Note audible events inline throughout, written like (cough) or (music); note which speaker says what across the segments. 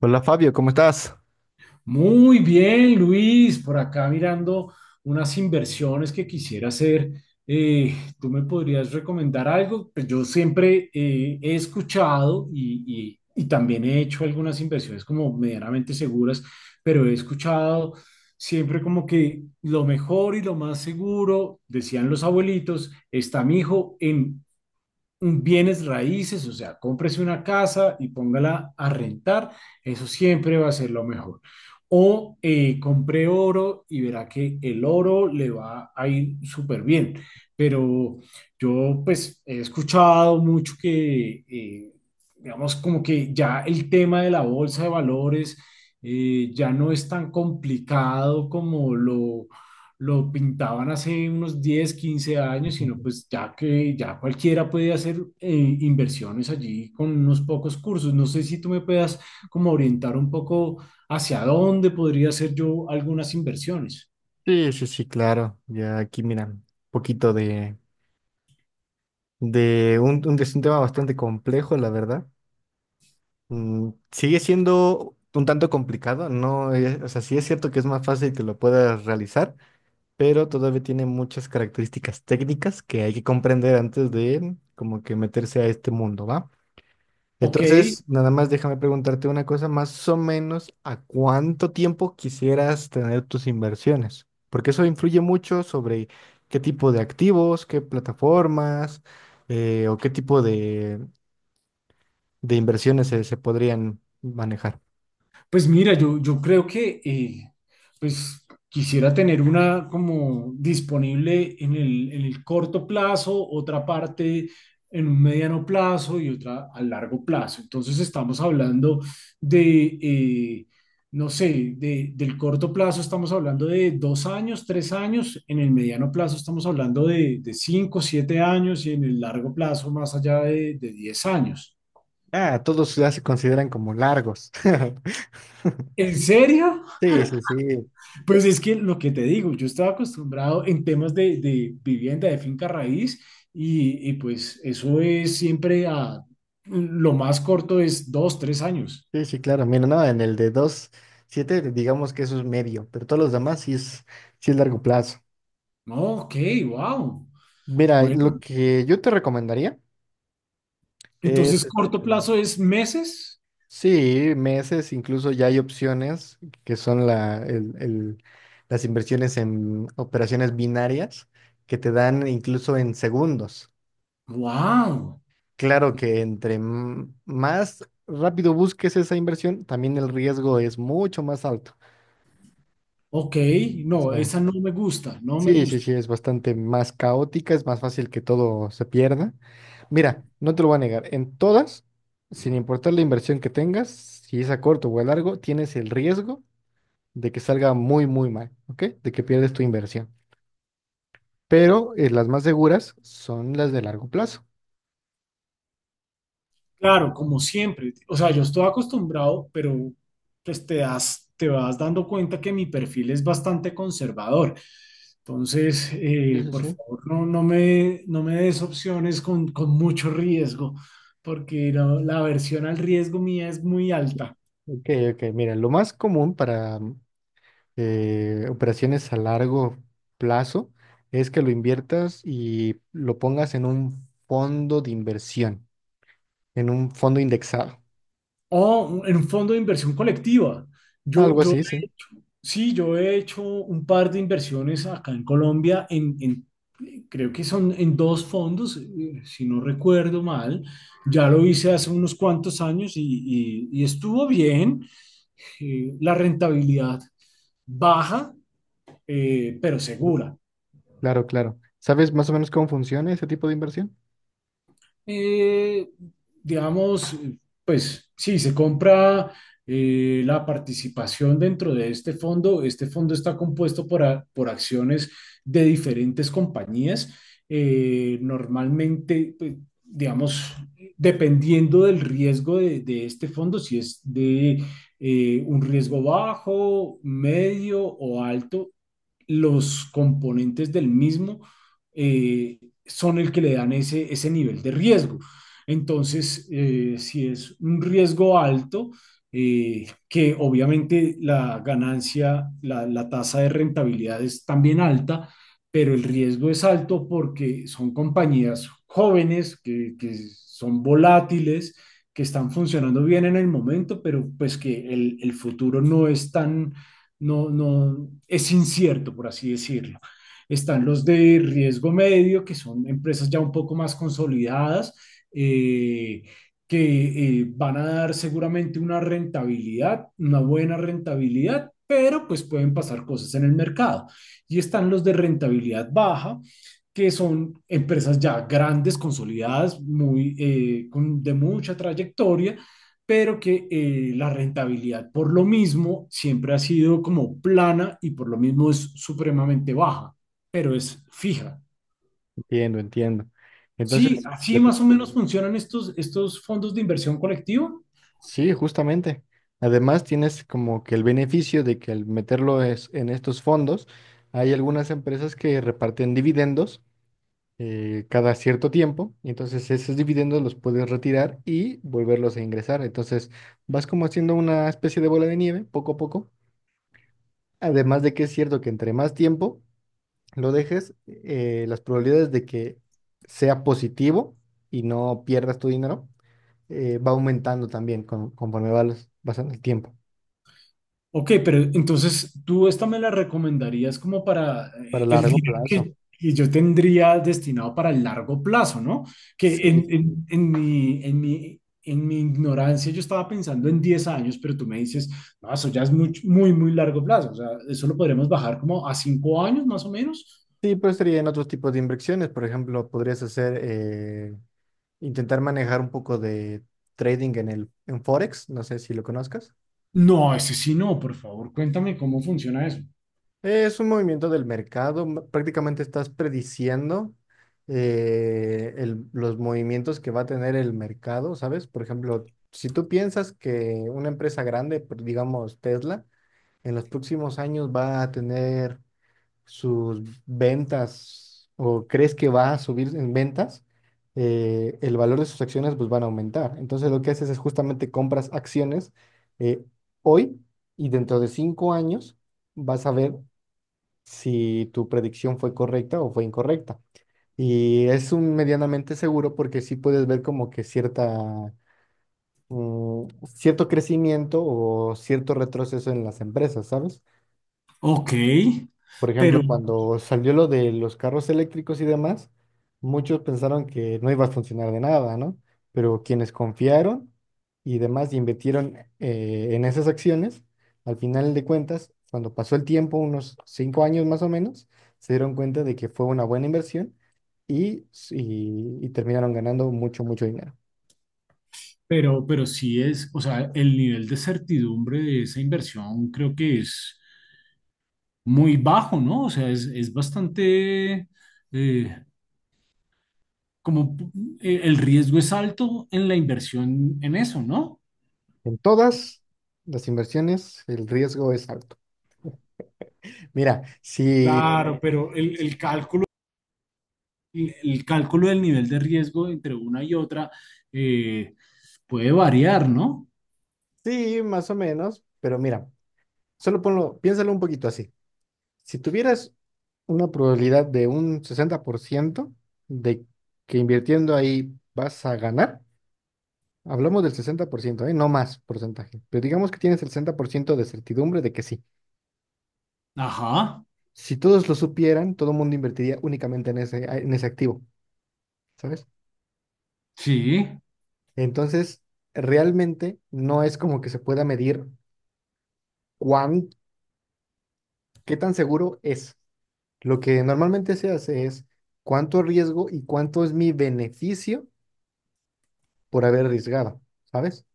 Speaker 1: Hola Fabio, ¿cómo estás?
Speaker 2: Muy bien, Luis, por acá mirando unas inversiones que quisiera hacer. Eh, ¿Tú me podrías recomendar algo? Pues yo siempre he escuchado y también he hecho algunas inversiones como medianamente seguras, pero he escuchado siempre como que lo mejor y lo más seguro, decían los abuelitos, está mi hijo en bienes raíces, o sea, cómprese una casa y póngala a rentar, eso siempre va a ser lo mejor. O compre oro y verá que el oro le va a ir súper bien. Pero yo pues he escuchado mucho que, digamos, como que ya el tema de la bolsa de valores ya no es tan complicado como lo pintaban hace unos 10 15 años, sino pues ya que ya cualquiera puede hacer inversiones allí con unos pocos cursos. No sé si tú me puedas como orientar un poco hacia dónde podría hacer yo algunas inversiones.
Speaker 1: Sí, sí, sí, claro. Ya aquí, mira, un poquito de es un tema bastante complejo, la verdad. Sigue siendo un tanto complicado, no, o sea, sí es cierto que es más fácil que lo puedas realizar, pero todavía tiene muchas características técnicas que hay que comprender antes de como que meterse a este mundo, ¿va?
Speaker 2: Ok.
Speaker 1: Entonces, nada más déjame preguntarte una cosa, más o menos, ¿a cuánto tiempo quisieras tener tus inversiones? Porque eso influye mucho sobre qué tipo de activos, qué plataformas o qué tipo de inversiones se podrían manejar.
Speaker 2: Pues mira, yo creo que pues quisiera tener una como disponible en el corto plazo, otra parte en un mediano plazo y otra a largo plazo. Entonces estamos hablando de, no sé, del corto plazo estamos hablando de 2 años, 3 años, en el mediano plazo estamos hablando de 5, 7 años y en el largo plazo más allá de 10 años.
Speaker 1: Ah, todos ya se consideran como largos. (laughs)
Speaker 2: ¿En serio?
Speaker 1: Sí, sí, sí,
Speaker 2: Pues es que lo que te digo, yo estaba acostumbrado en temas de vivienda, de finca raíz, y pues eso es siempre a, lo más corto es 2, 3 años.
Speaker 1: sí, sí, claro. Mira, no, en el de dos siete, digamos que eso es medio, pero todos los demás sí es largo plazo.
Speaker 2: No, ok, wow.
Speaker 1: Mira,
Speaker 2: Bueno,
Speaker 1: lo que yo te recomendaría es,
Speaker 2: entonces
Speaker 1: este,
Speaker 2: corto plazo es meses.
Speaker 1: sí, meses, incluso ya hay opciones que son las inversiones en operaciones binarias que te dan incluso en segundos.
Speaker 2: Wow.
Speaker 1: Claro que entre más rápido busques esa inversión, también el riesgo es mucho más alto.
Speaker 2: Ok,
Speaker 1: O
Speaker 2: no,
Speaker 1: sea,
Speaker 2: esa no me gusta, no me
Speaker 1: sí, sí,
Speaker 2: gusta.
Speaker 1: sí, es bastante más caótica, es más fácil que todo se pierda. Mira, no te lo voy a negar, en todas, sin importar la inversión que tengas, si es a corto o a largo, tienes el riesgo de que salga muy, muy mal, ¿ok? De que pierdes tu inversión. Pero las más seguras son las de largo plazo.
Speaker 2: Claro, como siempre. O sea, yo estoy acostumbrado, pero pues te das, te vas dando cuenta que mi perfil es bastante conservador. Entonces,
Speaker 1: Sí, sí,
Speaker 2: por
Speaker 1: sí.
Speaker 2: favor, no, no me des opciones con mucho riesgo, porque no- la aversión al riesgo mía es muy alta.
Speaker 1: Ok, ok, mira, lo más común para operaciones a largo plazo es que lo inviertas y lo pongas en un fondo de inversión, en un fondo indexado.
Speaker 2: O en un fondo de inversión colectiva. Yo,
Speaker 1: Algo
Speaker 2: yo
Speaker 1: así, sí.
Speaker 2: Sí, yo he hecho un par de inversiones acá en Colombia, en, creo que son en dos fondos, si no recuerdo mal. Ya lo hice hace unos cuantos años y estuvo bien. La rentabilidad baja, pero
Speaker 1: Sí.
Speaker 2: segura.
Speaker 1: Claro, claro. ¿Sabes más o menos cómo funciona ese tipo de inversión?
Speaker 2: eh, digamos, pues sí, se compra la participación dentro de este fondo. Este fondo está compuesto por, a- por acciones de diferentes compañías. Normalmente, pues, digamos, dependiendo del riesgo de este fondo, si es de un riesgo bajo, medio o alto, los componentes del mismo eh, son el que le dan ese, ese nivel de riesgo. Entonces, si es un riesgo alto, que obviamente la ganancia, la tasa de rentabilidad es también alta, pero el riesgo es alto porque son compañías jóvenes que son volátiles, que están funcionando bien en el momento, pero pues que el futuro no es tan no, no, es incierto, por así decirlo. Están los de riesgo medio, que son empresas ya un poco más consolidadas, eh, que van a dar seguramente una rentabilidad, una buena rentabilidad, pero pues pueden pasar cosas en el mercado. Y están los de rentabilidad baja, que son empresas ya grandes, consolidadas, muy, con, de mucha trayectoria, pero que la rentabilidad por lo mismo siempre ha sido como plana y por lo mismo es supremamente baja, pero es fija.
Speaker 1: Entiendo, entiendo.
Speaker 2: Sí,
Speaker 1: Entonces,
Speaker 2: así
Speaker 1: plati-
Speaker 2: más o menos funcionan estos, estos fondos de inversión colectiva.
Speaker 1: Sí, justamente. Además, tienes como que el beneficio de que al meterlo en estos fondos, hay algunas empresas que reparten dividendos cada cierto tiempo, y entonces esos dividendos los puedes retirar y volverlos a ingresar. Entonces, vas como haciendo una especie de bola de nieve poco a poco. Además de que es cierto que entre más tiempo lo dejes, las probabilidades de que sea positivo y no pierdas tu dinero va aumentando también conforme vas pasando el tiempo.
Speaker 2: Ok, pero entonces tú esta me la recomendarías como para
Speaker 1: Para
Speaker 2: el
Speaker 1: largo
Speaker 2: dinero
Speaker 1: plazo.
Speaker 2: que yo tendría destinado para el largo plazo, ¿no? Que en,
Speaker 1: Sí,
Speaker 2: en mi ignorancia yo estaba pensando en 10 años, pero tú me dices, no, eso ya es muy, muy, muy largo plazo, o sea, eso lo podremos bajar como a 5 años más o menos.
Speaker 1: sí, pero sería en otros tipos de inversiones. Por ejemplo, podrías hacer, intentar manejar un poco de trading en el, en Forex. No sé si lo conozcas.
Speaker 2: No, ese sí no, por favor, cuéntame cómo funciona eso.
Speaker 1: Es un movimiento del mercado. Prácticamente estás prediciendo los movimientos que va a tener el mercado, ¿sabes? Por ejemplo, si tú piensas que una empresa grande, digamos Tesla, en los próximos años va a tener sus ventas o crees que va a subir en ventas, el valor de sus acciones pues van a aumentar. Entonces lo que haces es justamente compras acciones eh, hoy y dentro de 5 años vas a ver si tu predicción fue correcta o fue incorrecta. Y es un medianamente seguro porque sí puedes ver como que cierta, cierto crecimiento o cierto retroceso en las empresas, ¿sabes?
Speaker 2: Ok,
Speaker 1: Por
Speaker 2: pero,
Speaker 1: ejemplo, cuando salió lo de los carros eléctricos y demás, muchos pensaron que no iba a funcionar de nada, ¿no? Pero quienes confiaron y demás y invirtieron en esas acciones, al final de cuentas, cuando pasó el tiempo, unos 5 años más o menos, se dieron cuenta de que fue una buena inversión y, y terminaron ganando mucho, mucho dinero.
Speaker 2: pero sí es, o sea, el nivel de certidumbre de esa inversión creo que es muy bajo, ¿no? O sea, es bastante, eh, como el riesgo es alto en la inversión en eso, ¿no?
Speaker 1: En todas las inversiones, el riesgo es alto. Mira, si...
Speaker 2: Claro, pero
Speaker 1: Sí,
Speaker 2: el cálculo, el cálculo del nivel de riesgo entre una y otra eh, puede variar, ¿no?
Speaker 1: sí, más o menos, pero mira. Solo ponlo, piénsalo un poquito así. Si tuvieras una probabilidad de un 60% de que invirtiendo ahí vas a ganar, hablamos del 60%, ¿eh? No más porcentaje, pero digamos que tienes el 60% de certidumbre de que sí.
Speaker 2: Ajá,
Speaker 1: Si todos lo supieran, todo el mundo invertiría únicamente en ese activo, ¿sabes?
Speaker 2: sí,
Speaker 1: Entonces, realmente no es como que se pueda medir cuán, qué tan seguro es. Lo que normalmente se hace es cuánto riesgo y cuánto es mi beneficio por haber arriesgado, ¿sabes?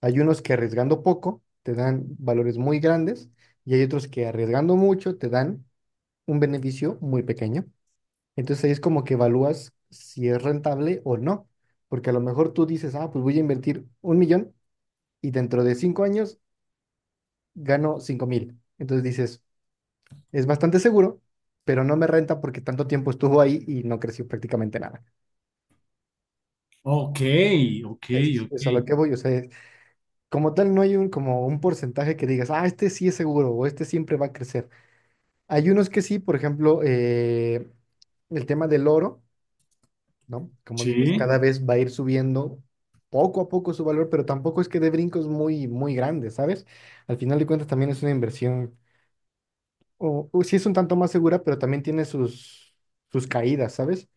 Speaker 1: Hay unos que arriesgando poco te dan valores muy grandes y hay otros que arriesgando mucho te dan un beneficio muy pequeño. Entonces ahí es como que evalúas si es rentable o no, porque a lo mejor tú dices, ah, pues voy a invertir un millón y dentro de cinco años gano 5.000. Entonces dices, es bastante seguro, pero no me renta porque tanto tiempo estuvo ahí y no creció prácticamente nada.
Speaker 2: ok, ok, ok.
Speaker 1: Es a lo que voy, o sea, como tal, no hay un, como un porcentaje que digas, ah, este sí es seguro o este siempre va a crecer. Hay unos que sí, por ejemplo, el tema del oro, ¿no? Como dices, cada
Speaker 2: Sí,
Speaker 1: vez va a ir subiendo poco a poco su valor, pero tampoco es que dé brincos muy, muy grandes, ¿sabes? Al final de cuentas también es una inversión, o sí es un tanto más segura, pero también tiene sus, sus caídas, ¿sabes?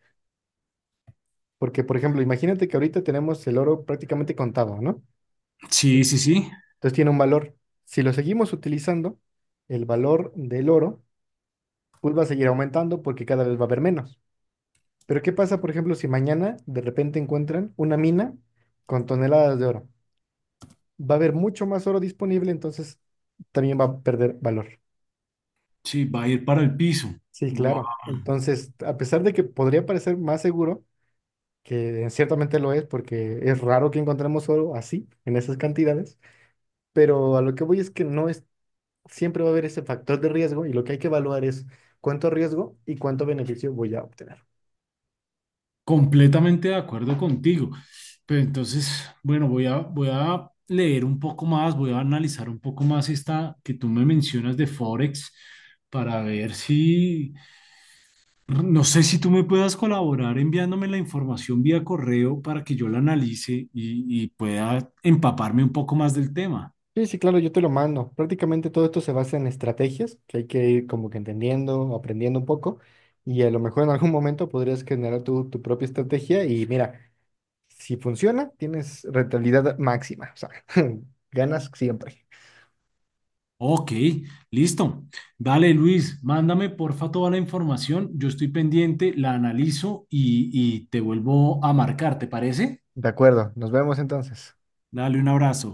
Speaker 1: Porque, por ejemplo, imagínate que ahorita tenemos el oro prácticamente contado, ¿no?
Speaker 2: sí, sí, sí.
Speaker 1: Entonces tiene un valor. Si lo seguimos utilizando, el valor del oro pues va a seguir aumentando porque cada vez va a haber menos. Pero ¿qué pasa, por ejemplo, si mañana de repente encuentran una mina con toneladas de oro? Va a haber mucho más oro disponible, entonces también va a perder valor.
Speaker 2: Sí, va a ir para el piso.
Speaker 1: Sí,
Speaker 2: Wow,
Speaker 1: claro. Entonces, a pesar de que podría parecer más seguro, que ciertamente lo es, porque es raro que encontremos oro así, en esas cantidades, pero a lo que voy es que no es, siempre va a haber ese factor de riesgo y lo que hay que evaluar es cuánto riesgo y cuánto beneficio voy a obtener.
Speaker 2: completamente de acuerdo contigo. Pero entonces, bueno, voy a leer un poco más, voy a analizar un poco más esta que tú me mencionas de Forex para ver si, no sé si tú me puedas colaborar enviándome la información vía correo para que yo la analice y pueda empaparme un poco más del tema.
Speaker 1: Sí, sí, claro, yo te lo mando. Prácticamente todo esto se basa en estrategias que hay que ir como que entendiendo, aprendiendo un poco y a lo mejor en algún momento podrías generar tu, tu propia estrategia y mira, si funciona, tienes rentabilidad máxima, o sea, (laughs) ganas siempre.
Speaker 2: Ok, listo. Dale, Luis, mándame porfa toda la información. Yo estoy pendiente, la analizo y te vuelvo a marcar, ¿te parece?
Speaker 1: De acuerdo, nos vemos entonces.
Speaker 2: Dale un abrazo.